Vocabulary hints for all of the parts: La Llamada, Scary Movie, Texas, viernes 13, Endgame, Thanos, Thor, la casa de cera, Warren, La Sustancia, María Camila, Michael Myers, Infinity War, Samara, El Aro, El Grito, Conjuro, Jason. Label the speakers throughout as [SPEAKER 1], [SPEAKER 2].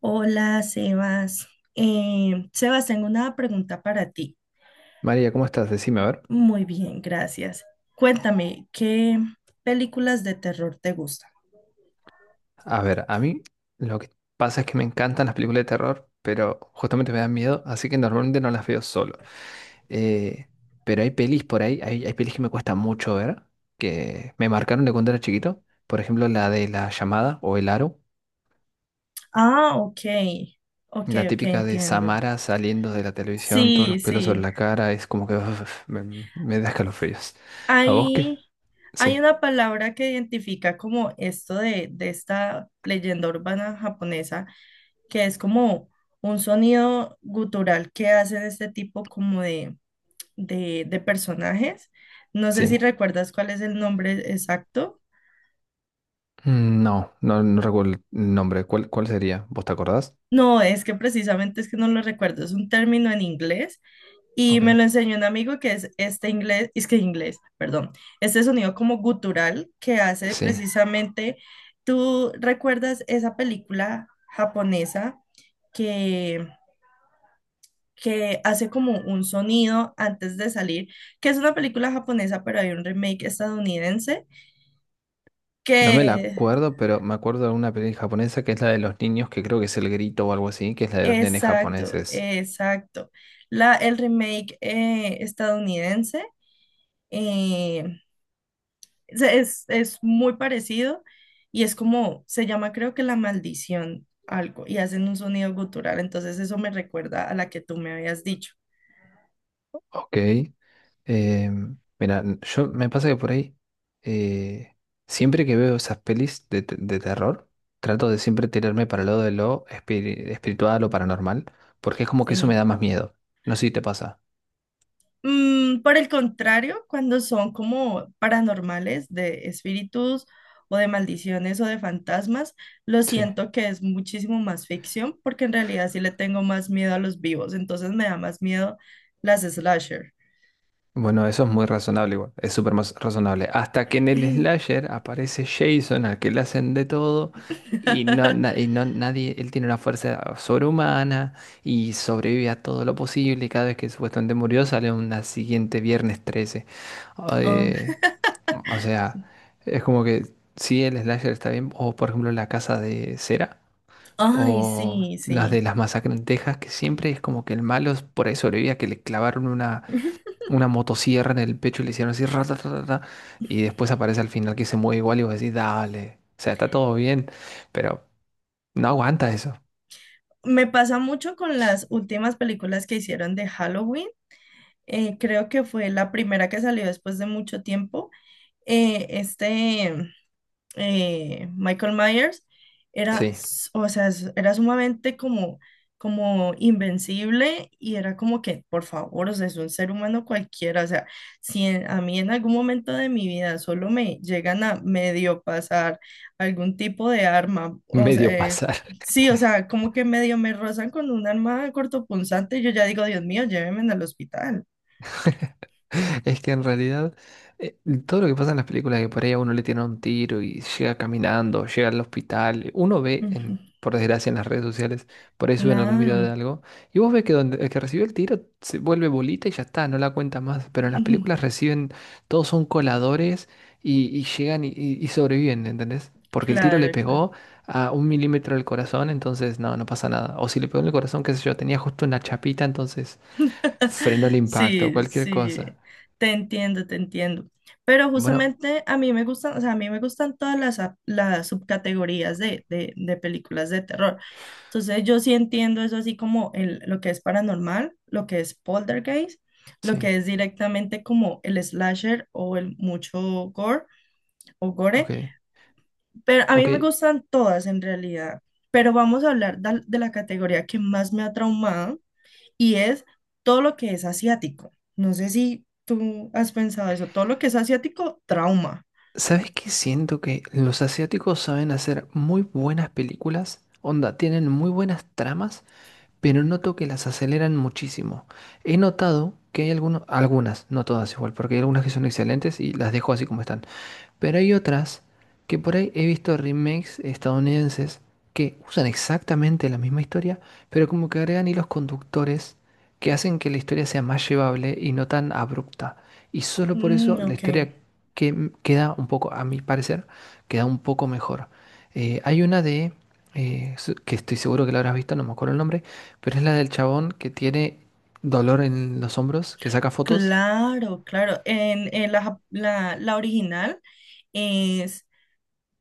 [SPEAKER 1] Hola, Sebas. Sebas, tengo una pregunta para ti.
[SPEAKER 2] María, ¿cómo estás? Decime, a ver.
[SPEAKER 1] Muy bien, gracias. Cuéntame, ¿qué películas de terror te gustan?
[SPEAKER 2] A ver, a mí lo que pasa es que me encantan las películas de terror, pero justamente me dan miedo, así que normalmente no las veo solo. Eh, pero hay pelis por ahí, hay pelis que me cuesta mucho ver, que me marcaron de cuando era chiquito. Por ejemplo, la de La Llamada o El Aro,
[SPEAKER 1] Ah, ok, ok,
[SPEAKER 2] la
[SPEAKER 1] ok,
[SPEAKER 2] típica de
[SPEAKER 1] entiendo.
[SPEAKER 2] Samara saliendo de la televisión, todos los
[SPEAKER 1] Sí,
[SPEAKER 2] pelos sobre
[SPEAKER 1] sí.
[SPEAKER 2] la cara, es como que uf, me da escalofríos. ¿A vos qué?
[SPEAKER 1] Hay, hay
[SPEAKER 2] Sí,
[SPEAKER 1] una palabra que identifica como esto de esta leyenda urbana japonesa, que es como un sonido gutural que hacen este tipo como de de personajes. No sé si
[SPEAKER 2] sí.
[SPEAKER 1] recuerdas cuál es el nombre exacto.
[SPEAKER 2] Mm, no, no recuerdo el nombre. ¿Cuál sería? ¿Vos te acordás?
[SPEAKER 1] No, es que precisamente es que no lo recuerdo. Es un término en inglés y
[SPEAKER 2] Ok.
[SPEAKER 1] me lo enseñó un amigo que es este inglés, es que inglés, perdón, este sonido como gutural que hace
[SPEAKER 2] Sí,
[SPEAKER 1] precisamente, ¿tú recuerdas esa película japonesa que, que hace como un sonido antes de salir? Que es una película japonesa, pero hay un remake estadounidense
[SPEAKER 2] no me la
[SPEAKER 1] que...
[SPEAKER 2] acuerdo, pero me acuerdo de una película japonesa que es la de los niños, que creo que es El Grito o algo así, que es la de los nenes
[SPEAKER 1] Exacto,
[SPEAKER 2] japoneses.
[SPEAKER 1] exacto. La, el remake estadounidense eh, es muy parecido y es como, se llama creo que La Maldición, algo, y hacen un sonido gutural, entonces eso me recuerda a la que tú me habías dicho.
[SPEAKER 2] Ok. Mira, yo me pasa que por ahí, eh, siempre que veo esas pelis de, de terror, trato de siempre tirarme para el lado de lo espiritual o paranormal, porque es como que eso me
[SPEAKER 1] Sí.
[SPEAKER 2] da más miedo. No sé si te pasa.
[SPEAKER 1] Por el contrario, cuando son como paranormales de espíritus o de maldiciones o de fantasmas, lo
[SPEAKER 2] Sí.
[SPEAKER 1] siento que es muchísimo más ficción porque en realidad sí le tengo más miedo a los vivos, entonces me da más miedo las slasher.
[SPEAKER 2] Bueno, eso es muy razonable igual, es súper más razonable. Hasta que en el slasher aparece Jason, al que le hacen de todo, y no, y no nadie, él tiene una fuerza sobrehumana y sobrevive a todo lo posible, y cada vez que supuestamente murió sale una siguiente viernes 13.
[SPEAKER 1] Oh,
[SPEAKER 2] Eh, o sea, es como que sí el slasher está bien, o por ejemplo la casa de cera,
[SPEAKER 1] ay,
[SPEAKER 2] o
[SPEAKER 1] sí,
[SPEAKER 2] las
[SPEAKER 1] sí.
[SPEAKER 2] de las masacres en Texas, que siempre es como que el malo por ahí sobrevivía, que le clavaron una motosierra en el pecho y le hicieron así, rata y después aparece al final que se mueve igual y vos decís, dale, o sea, está todo bien, pero no aguanta eso.
[SPEAKER 1] Me pasa mucho con las últimas películas que hicieron de Halloween. Creo que fue la primera que salió después de mucho tiempo. Eh, este, Michael Myers era,
[SPEAKER 2] Sí,
[SPEAKER 1] o sea, era sumamente como, como invencible y era como que, por favor, o sea, es un ser humano cualquiera, o sea, si a mí en algún momento de mi vida solo me llegan a medio pasar algún tipo de arma, o sea,
[SPEAKER 2] medio pasa.
[SPEAKER 1] sí, o sea, como que medio me rozan con un arma cortopunzante, yo ya digo, Dios mío, llévenme al hospital.
[SPEAKER 2] Es que en realidad eh, todo lo que pasa en las películas que por ahí a uno le tiene un tiro y llega caminando, llega al hospital, uno ve
[SPEAKER 1] Ujú,
[SPEAKER 2] en, por desgracia en las redes sociales, por ahí suben algún video de
[SPEAKER 1] claro,
[SPEAKER 2] algo, y vos ves que donde el que recibió el tiro se vuelve bolita y ya está, no la cuenta más, pero en las
[SPEAKER 1] ujú,
[SPEAKER 2] películas reciben, todos son coladores y llegan y sobreviven, ¿entendés? Porque el tiro le
[SPEAKER 1] claro, claro.
[SPEAKER 2] pegó a un milímetro del corazón, entonces no, no pasa nada. O si le pegó en el corazón, qué sé yo, tenía justo una chapita, entonces frenó el impacto,
[SPEAKER 1] Sí,
[SPEAKER 2] cualquier
[SPEAKER 1] sí,
[SPEAKER 2] cosa.
[SPEAKER 1] te entiendo, te entiendo. Pero
[SPEAKER 2] Bueno,
[SPEAKER 1] justamente a mí me gustan, o sea, a mí me gustan todas las, las subcategorías de películas de terror. Entonces yo sí entiendo eso así como el, lo que es paranormal, lo que es poltergeist, lo
[SPEAKER 2] sí,
[SPEAKER 1] que es directamente como el slasher o el mucho gore o
[SPEAKER 2] ok,
[SPEAKER 1] gore. Pero a mí me
[SPEAKER 2] ok.
[SPEAKER 1] gustan todas en realidad. Pero vamos a hablar de la categoría que más me ha traumado y es todo lo que es asiático. No sé si tú has pensado eso, todo lo que es asiático, trauma.
[SPEAKER 2] ¿Sabes qué? Siento que los asiáticos saben hacer muy buenas películas, onda, tienen muy buenas tramas, pero noto que las aceleran muchísimo. He notado que hay algunos, algunas, no todas igual, porque hay algunas que son excelentes y las dejo así como están. Pero hay otras que por ahí he visto remakes estadounidenses que usan exactamente la misma historia, pero como que agregan hilos conductores que hacen que la historia sea más llevable y no tan abrupta. Y solo por
[SPEAKER 1] Mm,
[SPEAKER 2] eso la historia
[SPEAKER 1] ok.
[SPEAKER 2] que queda un poco, a mi parecer, queda un poco mejor. Hay una de, que estoy seguro que la habrás visto, no me acuerdo el nombre, pero es la del chabón que tiene dolor en los hombros, que saca fotos.
[SPEAKER 1] Claro, claro. En la, la, la original es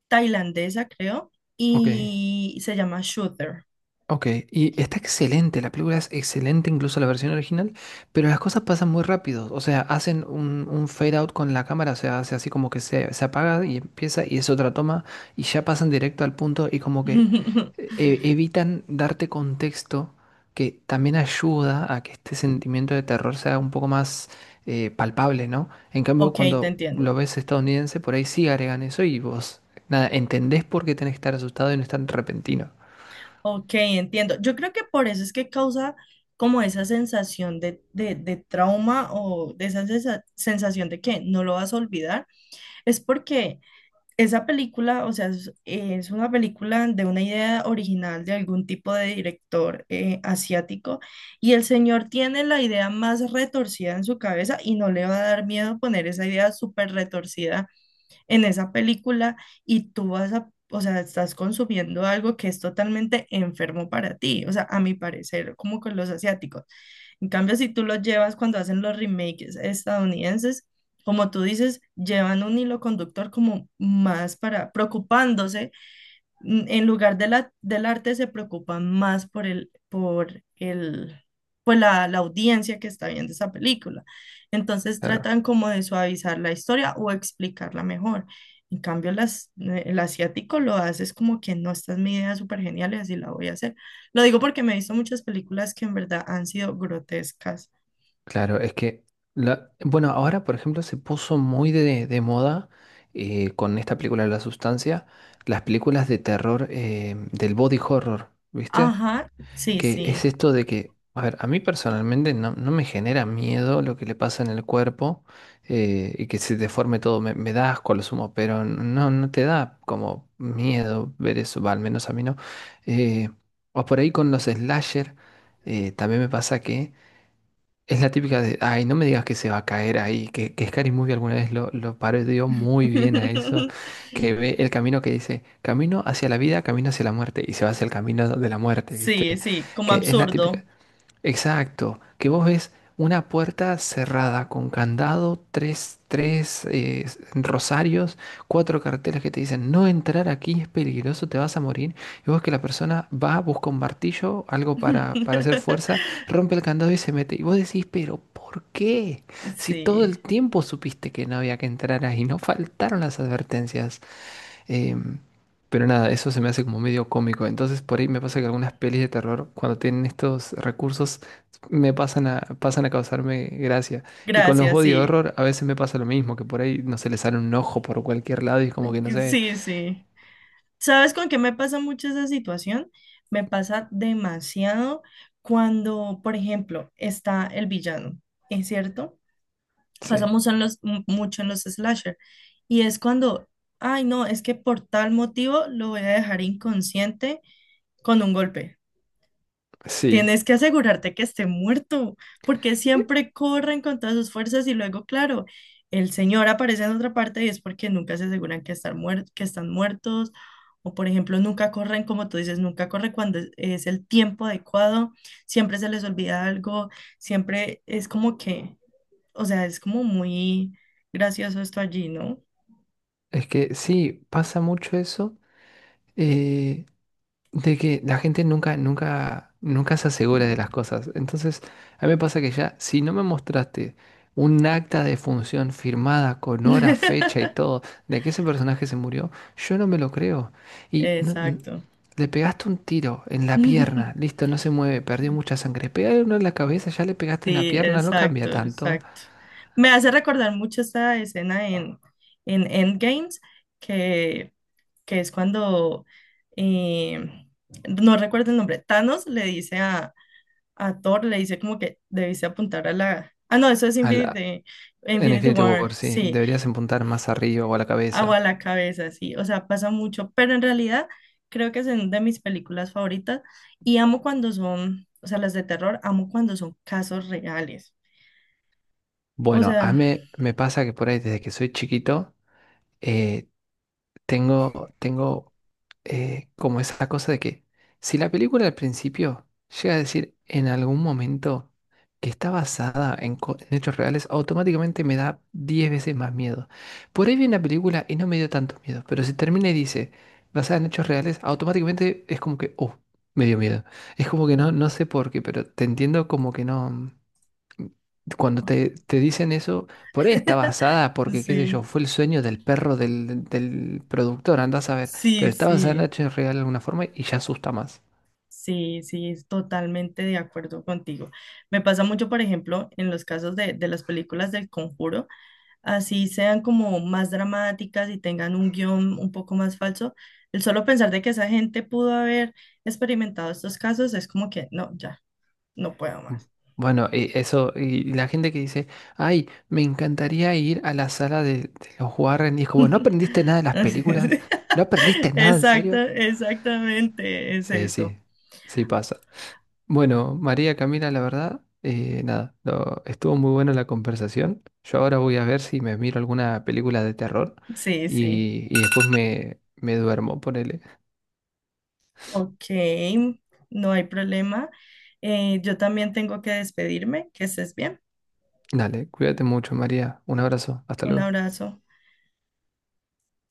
[SPEAKER 1] tailandesa, creo,
[SPEAKER 2] Ok.
[SPEAKER 1] y se llama Shooter.
[SPEAKER 2] Ok, y está excelente, la película es excelente, incluso la versión original, pero las cosas pasan muy rápido, o sea, hacen un fade out con la cámara, o sea, hace así como que se apaga y empieza y es otra toma y ya pasan directo al punto y como que evitan darte contexto que también ayuda a que este sentimiento de terror sea un poco más palpable, ¿no? En cambio,
[SPEAKER 1] Ok, te
[SPEAKER 2] cuando
[SPEAKER 1] entiendo.
[SPEAKER 2] lo ves estadounidense, por ahí sí agregan eso y vos, nada, entendés por qué tenés que estar asustado y no es tan repentino.
[SPEAKER 1] Ok, entiendo. Yo creo que por eso es que causa como esa sensación de trauma o de esa sensación de que no lo vas a olvidar. Es porque esa película, o sea, es una película de una idea original de algún tipo de director asiático y el señor tiene la idea más retorcida en su cabeza y no le va a dar miedo poner esa idea súper retorcida en esa película y tú vas a, o sea, estás consumiendo algo que es totalmente enfermo para ti, o sea, a mi parecer, como con los asiáticos. En cambio, si tú los llevas cuando hacen los remakes estadounidenses, como tú dices, llevan un hilo conductor como más para preocupándose en lugar de la, del arte se preocupan más por el, pues la audiencia que está viendo esa película. Entonces
[SPEAKER 2] Claro.
[SPEAKER 1] tratan como de suavizar la historia o explicarla mejor. En cambio, las, el asiático lo hace es como que no, esta es mi idea súper genial y así la voy a hacer. Lo digo porque me he visto muchas películas que en verdad han sido grotescas.
[SPEAKER 2] Claro, es que, la, bueno, ahora por ejemplo se puso muy de moda con esta película La Sustancia, las películas de terror del body horror, ¿viste?
[SPEAKER 1] Ajá, sí,
[SPEAKER 2] Que es
[SPEAKER 1] sí.
[SPEAKER 2] esto de que, a ver, a mí personalmente no, no me genera miedo lo que le pasa en el cuerpo y que se deforme todo, me da asco a lo sumo, pero no, no te da como miedo ver eso, va, al menos a mí no. Eh, o por ahí con los slasher, también me pasa que... Es la típica de, ay, no me digas que se va a caer ahí, que Scary Movie alguna vez lo parodió muy bien a eso, que ve el camino que dice, camino hacia la vida, camino hacia la muerte, y se va hacia el camino de la muerte,
[SPEAKER 1] Sí,
[SPEAKER 2] ¿viste?
[SPEAKER 1] sí, como
[SPEAKER 2] Que es la
[SPEAKER 1] absurdo.
[SPEAKER 2] típica, exacto, que vos ves una puerta cerrada con candado, tres rosarios, cuatro carteles que te dicen no entrar aquí es peligroso, te vas a morir. Y vos que la persona va, busca un martillo, algo para hacer fuerza, rompe el candado y se mete. Y vos decís, pero ¿por qué? Si todo
[SPEAKER 1] Sí,
[SPEAKER 2] el tiempo supiste que no había que entrar ahí, no faltaron las advertencias. Em, pero nada, eso se me hace como medio cómico. Entonces por ahí me pasa que algunas pelis de terror, cuando tienen estos recursos, me pasan pasan a causarme gracia. Y con los
[SPEAKER 1] gracias,
[SPEAKER 2] body
[SPEAKER 1] sí.
[SPEAKER 2] horror a veces me pasa lo mismo, que por ahí no se les sale un ojo por cualquier lado y es como que no sé.
[SPEAKER 1] Sí, sí. ¿Sabes con qué me pasa mucho esa situación? Me pasa demasiado cuando, por ejemplo, está el villano, ¿es cierto?
[SPEAKER 2] Sí,
[SPEAKER 1] Pasamos en los, mucho en los slasher y es cuando, ay, no, es que por tal motivo lo voy a dejar inconsciente con un golpe.
[SPEAKER 2] sí.
[SPEAKER 1] Tienes que asegurarte que esté muerto, porque siempre corren con todas sus fuerzas y luego, claro, el señor aparece en otra parte y es porque nunca se aseguran que, estar que están muertos, o por ejemplo, nunca corren, como tú dices, nunca corre cuando es el tiempo adecuado, siempre se les olvida algo, siempre es como que, o sea, es como muy gracioso esto allí, ¿no?
[SPEAKER 2] Es que sí, pasa mucho eso. eh, de que la gente nunca se asegura de las cosas. Entonces, a mí me pasa que ya, si no me mostraste un acta de función firmada con hora, fecha y todo, de que ese personaje se murió, yo no me lo creo. Y
[SPEAKER 1] Exacto.
[SPEAKER 2] le pegaste un tiro en la pierna, listo, no se mueve, perdió mucha sangre. Pégale uno en la cabeza, ya le pegaste en la
[SPEAKER 1] Sí,
[SPEAKER 2] pierna, no cambia
[SPEAKER 1] exacto,
[SPEAKER 2] tanto.
[SPEAKER 1] exacto. Me hace recordar mucho esta escena en Endgames, que, que es cuando, eh, no recuerdo el nombre, Thanos le dice a Thor, le dice como que debiste apuntar a la... Ah, no, eso es
[SPEAKER 2] A la-
[SPEAKER 1] Infinity,
[SPEAKER 2] en
[SPEAKER 1] Infinity
[SPEAKER 2] Infinity
[SPEAKER 1] War,
[SPEAKER 2] War, sí,
[SPEAKER 1] sí,
[SPEAKER 2] deberías apuntar más arriba o a la
[SPEAKER 1] agua a
[SPEAKER 2] cabeza.
[SPEAKER 1] la cabeza, sí, o sea, pasa mucho, pero en realidad creo que es una de mis películas favoritas y amo cuando son, o sea, las de terror, amo cuando son casos reales. O
[SPEAKER 2] Bueno, a
[SPEAKER 1] sea,
[SPEAKER 2] mí me pasa que por ahí desde que soy chiquito, eh, tengo, tengo como esa cosa de que si la película al principio llega a decir en algún momento que está basada en, en hechos reales, automáticamente me da 10 veces más miedo. Por ahí vi una película y no me dio tanto miedo, pero si termina y dice basada en hechos reales, automáticamente es como que, oh, me dio miedo. Es como que no, no sé por qué, pero te entiendo como que no. Cuando te dicen eso, por ahí está basada, porque qué sé yo,
[SPEAKER 1] sí,
[SPEAKER 2] fue el sueño del perro del productor, andás a ver, pero
[SPEAKER 1] sí,
[SPEAKER 2] está basada en
[SPEAKER 1] sí,
[SPEAKER 2] hechos real de alguna forma y ya asusta más.
[SPEAKER 1] sí, sí, es totalmente de acuerdo contigo. Me pasa mucho, por ejemplo, en los casos de las películas del Conjuro, así sean como más dramáticas y tengan un guión un poco más falso, el solo pensar de que esa gente pudo haber experimentado estos casos es como que, no, ya, no puedo
[SPEAKER 2] Mm.
[SPEAKER 1] más.
[SPEAKER 2] Bueno, y eso, y la gente que dice, ay, me encantaría ir a la sala de los Warren, y es como, ¿no aprendiste nada de las películas? ¿No aprendiste nada en
[SPEAKER 1] Exacto,
[SPEAKER 2] serio?
[SPEAKER 1] exactamente, es
[SPEAKER 2] Sí,
[SPEAKER 1] eso.
[SPEAKER 2] sí, sí pasa. Bueno, María Camila, la verdad, nada, lo- estuvo muy buena la conversación. Yo ahora voy a ver si me miro alguna película de terror
[SPEAKER 1] Sí, sí.
[SPEAKER 2] y después me duermo, ponele.
[SPEAKER 1] Ok, no hay problema. Yo también tengo que despedirme. Que estés bien.
[SPEAKER 2] Dale, cuídate mucho, María. Un abrazo, hasta
[SPEAKER 1] Un
[SPEAKER 2] luego.
[SPEAKER 1] abrazo.